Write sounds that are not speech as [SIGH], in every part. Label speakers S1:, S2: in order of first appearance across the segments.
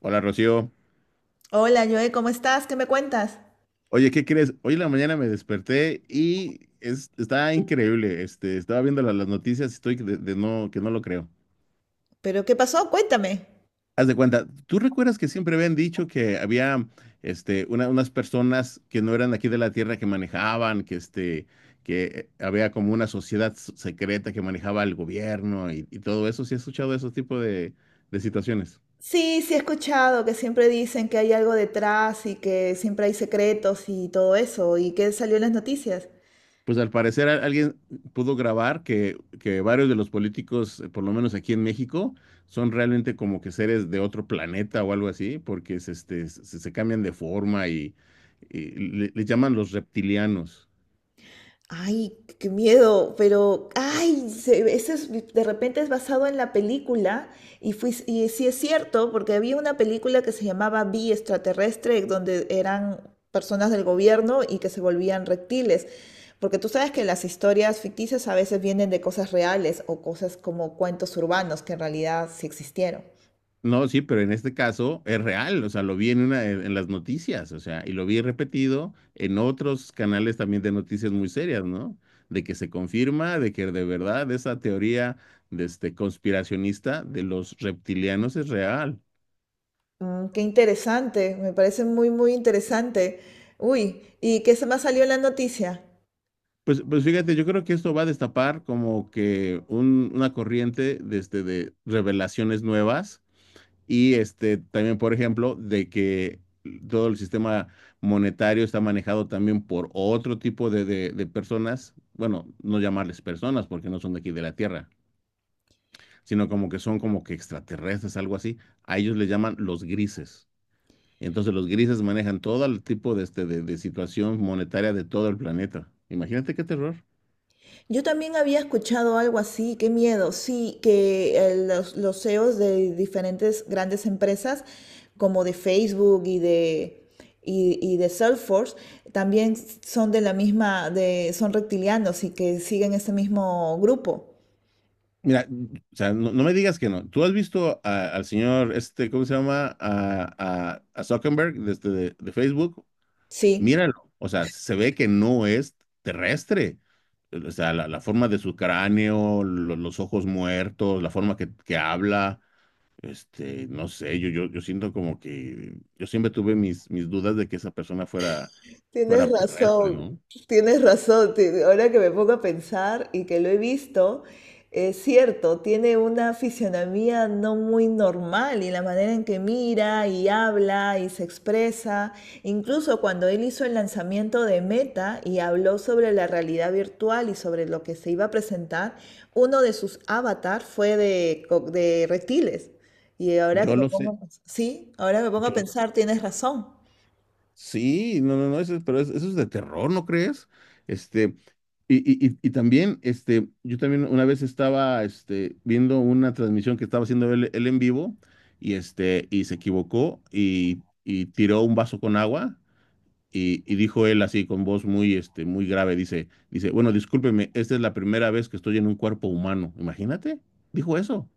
S1: Hola, Rocío.
S2: Hola, Joe, ¿cómo estás? ¿Qué me cuentas?
S1: Oye, ¿qué crees? Hoy en la mañana me desperté y está increíble. Estaba viendo las noticias y estoy de no, que no lo creo.
S2: ¿Pero qué pasó? Cuéntame.
S1: Haz de cuenta, ¿tú recuerdas que siempre habían dicho que había unas personas que no eran aquí de la Tierra que manejaban, que había como una sociedad secreta que manejaba el gobierno y todo eso? ¿Sí has escuchado de esos tipos de situaciones?
S2: Sí, sí he escuchado que siempre dicen que hay algo detrás y que siempre hay secretos y todo eso. ¿Y qué salió en las noticias?
S1: Pues al parecer alguien pudo grabar que varios de los políticos, por lo menos aquí en México, son realmente como que seres de otro planeta o algo así, porque se cambian de forma y, les llaman los reptilianos.
S2: Ay, qué miedo, pero, ay, ese de repente es basado en la película y, y sí es cierto, porque había una película que se llamaba Vi extraterrestre, donde eran personas del gobierno y que se volvían reptiles, porque tú sabes que las historias ficticias a veces vienen de cosas reales o cosas como cuentos urbanos que en realidad sí existieron.
S1: No, sí, pero en este caso es real, o sea, lo vi en en las noticias, o sea, y lo vi repetido en otros canales también de noticias muy serias, ¿no? De que se confirma, de que de verdad esa teoría conspiracionista de los reptilianos es real.
S2: Mm, qué interesante, me parece muy interesante. Uy, ¿y qué se más salió en la noticia?
S1: Pues fíjate, yo creo que esto va a destapar como que una corriente de revelaciones nuevas y también, por ejemplo, de que todo el sistema monetario está manejado también por otro tipo de personas, bueno, no llamarles personas porque no son de aquí de la Tierra, sino como que son como que extraterrestres, algo así. A ellos les llaman los grises. Entonces los grises manejan todo el tipo de situación monetaria de todo el planeta. Imagínate qué terror.
S2: Yo también había escuchado algo así, qué miedo, sí, que los CEOs de diferentes grandes empresas, como de Facebook y y de Salesforce, también son de la misma, de, son reptilianos y que siguen ese mismo grupo.
S1: Mira, o sea, no, no me digas que no. ¿Tú has visto al señor, este, ¿cómo se llama? A Zuckerberg de Facebook.
S2: Sí.
S1: Míralo. O sea, se ve que no es terrestre. O sea, la forma de su cráneo, los ojos muertos, la forma que habla. No sé, yo siento como que yo siempre tuve mis dudas de que esa persona fuera,
S2: Tienes
S1: fuera terrestre,
S2: razón,
S1: ¿no?
S2: tienes razón. Ahora que me pongo a pensar y que lo he visto, es cierto, tiene una fisionomía no muy normal y la manera en que mira y habla y se expresa. Incluso cuando él hizo el lanzamiento de Meta y habló sobre la realidad virtual y sobre lo que se iba a presentar, uno de sus avatars fue de reptiles. Y ahora que
S1: Yo
S2: me
S1: lo
S2: pongo
S1: sé.
S2: a pensar, sí, ahora me pongo a
S1: Yo,
S2: pensar, tienes razón.
S1: sí, no, no, no, eso es de terror, ¿no crees? Este, también, yo también una vez estaba, viendo una transmisión que estaba haciendo él en vivo y, y se equivocó y tiró un vaso con agua y dijo él así con voz muy, muy grave, dice, bueno, discúlpeme, esta es la primera vez que estoy en un cuerpo humano, imagínate, dijo eso.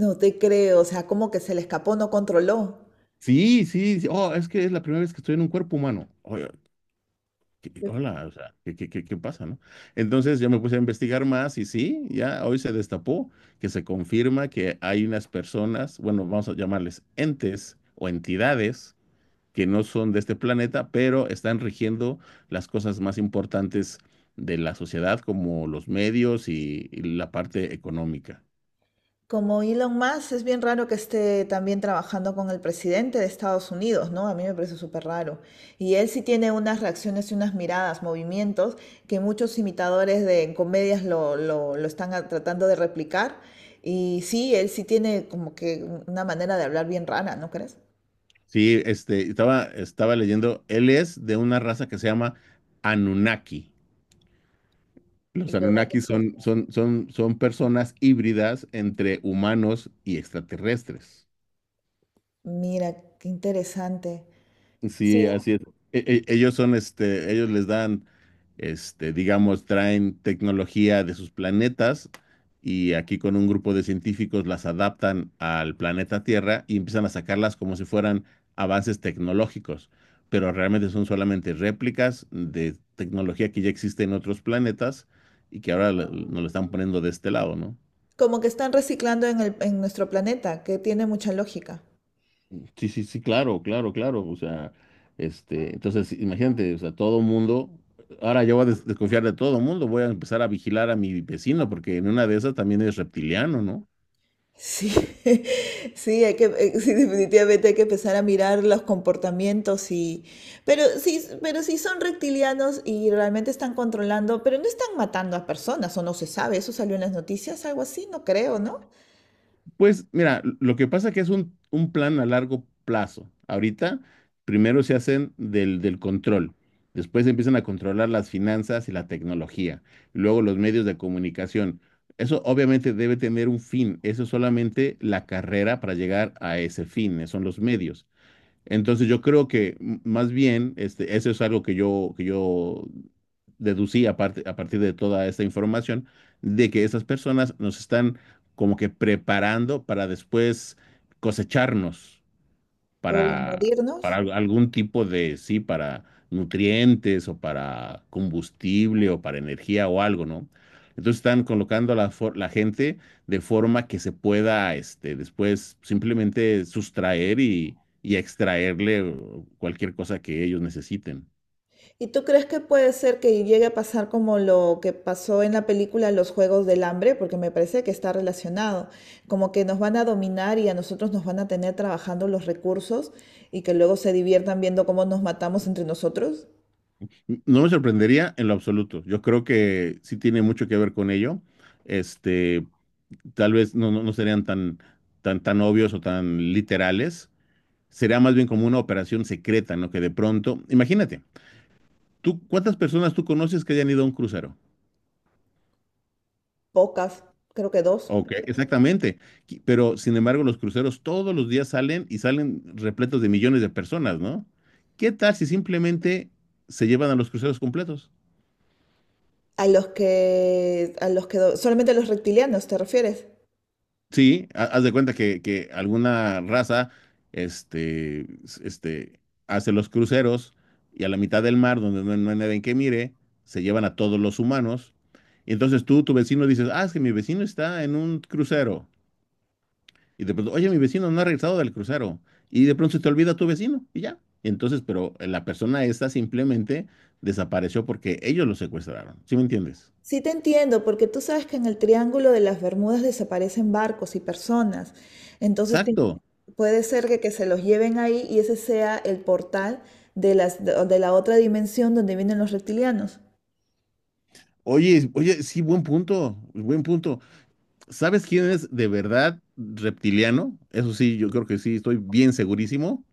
S2: No te creo, o sea, como que se le escapó, no controló.
S1: Sí, sí, sí, oh, es que es la primera vez que estoy en un cuerpo humano. ¿Qué-
S2: Sí.
S1: hola, o sea, ¿qué pasa, no? Entonces yo me puse a investigar más y sí, ya hoy se destapó que se confirma que hay unas personas, bueno, vamos a llamarles entes o entidades que no son de este planeta, pero están rigiendo las cosas más importantes de la sociedad, como los medios y la parte económica.
S2: Como Elon Musk, es bien raro que esté también trabajando con el presidente de Estados Unidos, ¿no? A mí me parece súper raro. Y él sí tiene unas reacciones y unas miradas, movimientos, que muchos imitadores de comedias lo están tratando de replicar. Y sí, él sí tiene como que una manera de hablar bien rara, ¿no crees?
S1: Sí, estaba leyendo, él es de una raza que se llama Anunnaki. Los
S2: ¿Y de dónde
S1: Anunnakis son personas híbridas entre humanos y extraterrestres.
S2: Mira, qué interesante. Sí,
S1: Sí, así es. Ellos son, ellos les dan, digamos, traen tecnología de sus planetas y aquí con un grupo de científicos las adaptan al planeta Tierra y empiezan a sacarlas como si fueran avances tecnológicos, pero realmente son solamente réplicas de tecnología que ya existe en otros planetas y que ahora nos lo están poniendo de este lado, ¿no?
S2: como que están reciclando en en nuestro planeta, que tiene mucha lógica.
S1: Sí, sí, sí, claro, claro, claro. O sea, entonces, sí, imagínate, o sea, todo mundo, ahora yo voy a desconfiar de todo mundo, voy a empezar a vigilar a mi vecino, porque en una de esas también es reptiliano, ¿no?
S2: Sí, [LAUGHS] sí, sí, definitivamente hay que empezar a mirar los comportamientos y, pero sí son reptilianos y realmente están controlando, pero no están matando a personas o no se sabe, eso salió en las noticias, algo así, no creo, ¿no?
S1: Pues mira, lo que pasa que es un plan a largo plazo. Ahorita, primero se hacen del control, después empiezan a controlar las finanzas y la tecnología, y luego los medios de comunicación. Eso obviamente debe tener un fin, eso es solamente la carrera para llegar a ese fin, son los medios. Entonces yo creo que más bien, eso es algo que yo deducí a partir de toda esta información, de que esas personas nos están como que preparando para después cosecharnos
S2: O
S1: para, para
S2: invadirnos.
S1: algún tipo de, sí, para nutrientes o para combustible o para energía o algo, ¿no? Entonces están colocando a la gente de forma que se pueda, después simplemente sustraer y extraerle cualquier cosa que ellos necesiten.
S2: ¿Y tú crees que puede ser que llegue a pasar como lo que pasó en la película Los Juegos del Hambre? Porque me parece que está relacionado, como que nos van a dominar y a nosotros nos van a tener trabajando los recursos y que luego se diviertan viendo cómo nos matamos entre nosotros.
S1: No me sorprendería en lo absoluto. Yo creo que sí tiene mucho que ver con ello. Este, Tal vez no, no, no serían tan obvios o tan literales. Será más bien como una operación secreta, ¿no? Que de pronto, imagínate, ¿tú cuántas personas tú conoces que hayan ido a un crucero?
S2: Pocas, creo que dos.
S1: Ok, exactamente. Pero sin embargo, los cruceros todos los días salen y salen repletos de millones de personas, ¿no? ¿Qué tal si simplemente se llevan a los cruceros completos?
S2: A los que, solamente a los reptilianos, ¿te refieres?
S1: Sí, haz de cuenta que alguna raza este, s- este, hace los cruceros y a la mitad del mar, donde no, no hay nadie que mire, se llevan a todos los humanos. Y entonces tu vecino, dices, ah, es que mi vecino está en un crucero. Y de pronto, oye, mi vecino no ha regresado del crucero. Y de pronto se te olvida tu vecino y ya. Y entonces, pero la persona esta simplemente desapareció porque ellos lo secuestraron. ¿Sí me entiendes?
S2: Sí te entiendo, porque tú sabes que en el Triángulo de las Bermudas desaparecen barcos y personas. Entonces te-
S1: Exacto.
S2: Puede ser que se los lleven ahí y ese sea el portal de de la otra dimensión donde vienen los reptilianos.
S1: Oye, oye, sí, buen punto, buen punto. ¿Sabes quién es de verdad reptiliano? Eso sí, yo creo que sí, estoy bien segurísimo.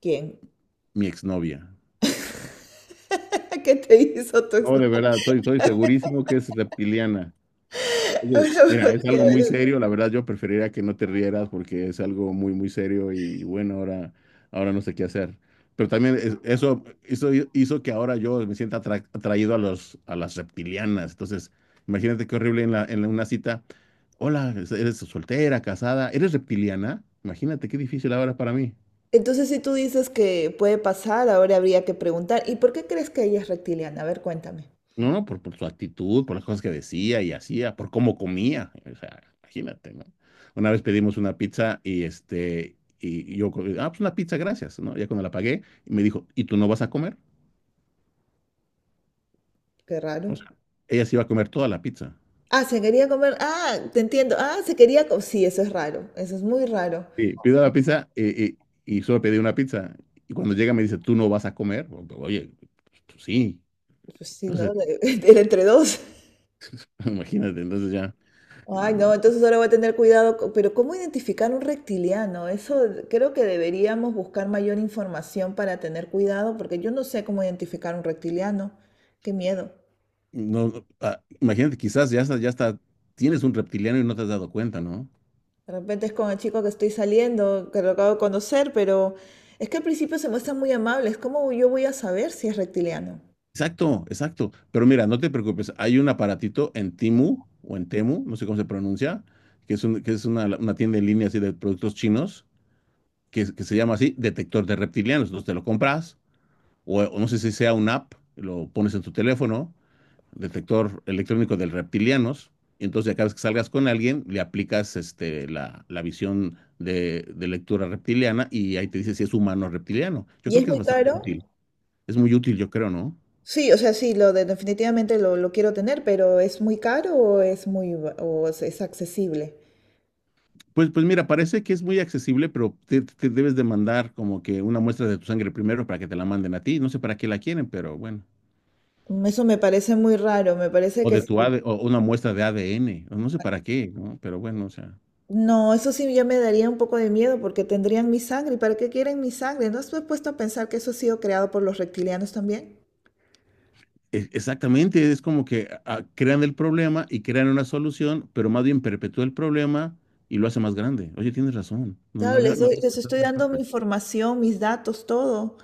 S2: ¿Quién?
S1: Mi exnovia.
S2: [LAUGHS] ¿Qué te hizo tu
S1: No, de verdad, estoy segurísimo que es reptiliana.
S2: [LAUGHS]
S1: Oye,
S2: Bueno,
S1: mira, es algo muy
S2: chévere.
S1: serio, la verdad yo preferiría que no te rieras porque es algo muy, muy serio y bueno, ahora, ahora no sé qué hacer. Pero también eso hizo que ahora yo me sienta atraído a los, a las reptilianas. Entonces, imagínate qué horrible en una cita. Hola, eres soltera, casada, eres reptiliana. Imagínate qué difícil ahora para mí.
S2: Entonces, si tú dices que puede pasar, ahora habría que preguntar, ¿y por qué crees que ella es reptiliana? A ver, cuéntame.
S1: No, por su actitud, por las cosas que decía y hacía, por cómo comía. O sea, imagínate, ¿no? Una vez pedimos una pizza y ah, pues una pizza, gracias, ¿no? Ya cuando la pagué, me dijo, ¿y tú no vas a comer?
S2: Qué raro.
S1: O sea, ella se iba a comer toda la pizza.
S2: Ah, se quería comer. Ah, te entiendo. Ah, se quería comer. Sí, eso es raro. Eso es muy raro.
S1: Y pido la pizza solo pedí una pizza. Y cuando llega me dice, ¿tú no vas a comer? Oye, pues, pues sí.
S2: Pues sí, ¿no?
S1: Entonces,
S2: [LAUGHS] Era entre dos.
S1: [LAUGHS] imagínate, entonces ya, eh,
S2: Ay, no, entonces ahora voy a tener cuidado. Pero ¿cómo identificar un reptiliano? Eso creo que deberíamos buscar mayor información para tener cuidado, porque yo no sé cómo identificar un reptiliano. Qué miedo.
S1: no, no, ah, imagínate, quizás ya está, tienes un reptiliano y no te has dado cuenta, ¿no?
S2: De repente es con el chico que estoy saliendo, que lo acabo de conocer, pero es que al principio se muestran muy amables. ¿Cómo yo voy a saber si es reptiliano?
S1: Exacto, exacto. Pero mira, no te preocupes, hay un aparatito en Timu o en Temu, no sé cómo se pronuncia, que es una tienda en línea así de productos chinos, que se llama así, detector de reptilianos. Entonces te lo compras, o no sé si sea una app, lo pones en tu teléfono, detector electrónico de reptilianos, y entonces cada vez que salgas con alguien, le aplicas la visión de lectura reptiliana y ahí te dice si es humano o reptiliano. Yo
S2: ¿Y
S1: creo
S2: es
S1: que es
S2: muy
S1: bastante
S2: caro?
S1: útil, es muy útil, yo creo, ¿no?
S2: Sí, o sea, sí, definitivamente lo quiero tener, pero ¿es muy caro o es muy, ba- o es accesible?
S1: Pues, pues mira, parece que es muy accesible, pero te debes de mandar como que una muestra de tu sangre primero para que te la manden a ti. No sé para qué la quieren, pero bueno.
S2: Eso me parece muy raro, me parece
S1: O
S2: que
S1: de tu
S2: sí.
S1: AD, o una muestra de ADN, o no sé para qué, ¿no? Pero bueno, o sea.
S2: No, eso sí ya me daría un poco de miedo porque tendrían mi sangre. ¿Y para qué quieren mi sangre? ¿No estoy puesto a pensar que eso ha sido creado por los reptilianos también?
S1: Exactamente, es como que ah, crean el problema y crean una solución, pero más bien perpetúa el problema y lo hace más grande. Oye, tienes razón.
S2: Claro,
S1: No había
S2: les
S1: pensado
S2: estoy
S1: en esa
S2: dando mi
S1: parte.
S2: información, mis datos, todo.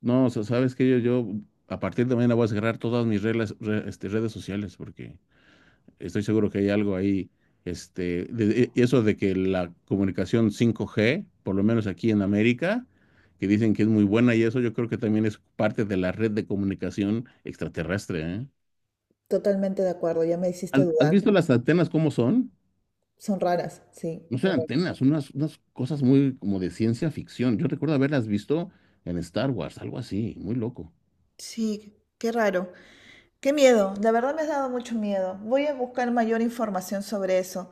S1: No, o sea, sabes que yo a partir de mañana voy a cerrar todas este, redes sociales porque estoy seguro que hay algo ahí, eso de que la comunicación 5G, por lo menos aquí en América, que dicen que es muy buena y eso yo creo que también es parte de la red de comunicación extraterrestre, ¿eh?
S2: Totalmente de acuerdo, ya me hiciste
S1: Has
S2: dudar.
S1: visto las antenas cómo son?
S2: Son raras, sí,
S1: No son
S2: correcto.
S1: antenas, son unas cosas muy como de ciencia ficción. Yo recuerdo haberlas visto en Star Wars, algo así, muy loco.
S2: Sí, qué raro. Qué miedo, de verdad me has dado mucho miedo. Voy a buscar mayor información sobre eso.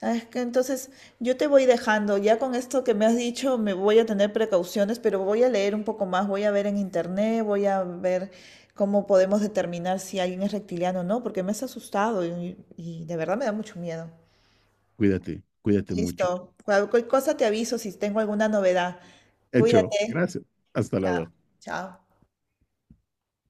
S2: Ah, es que entonces yo te voy dejando, ya con esto que me has dicho me voy a tener precauciones, pero voy a leer un poco más, voy a ver en internet, voy a ver cómo podemos determinar si alguien es reptiliano o no, porque me has asustado y de verdad me da mucho miedo.
S1: Cuídate, cuídate mucho.
S2: Listo, cualquier cosa te aviso si tengo alguna novedad.
S1: Hecho,
S2: Cuídate.
S1: gracias. Hasta
S2: Chao,
S1: luego.
S2: chao.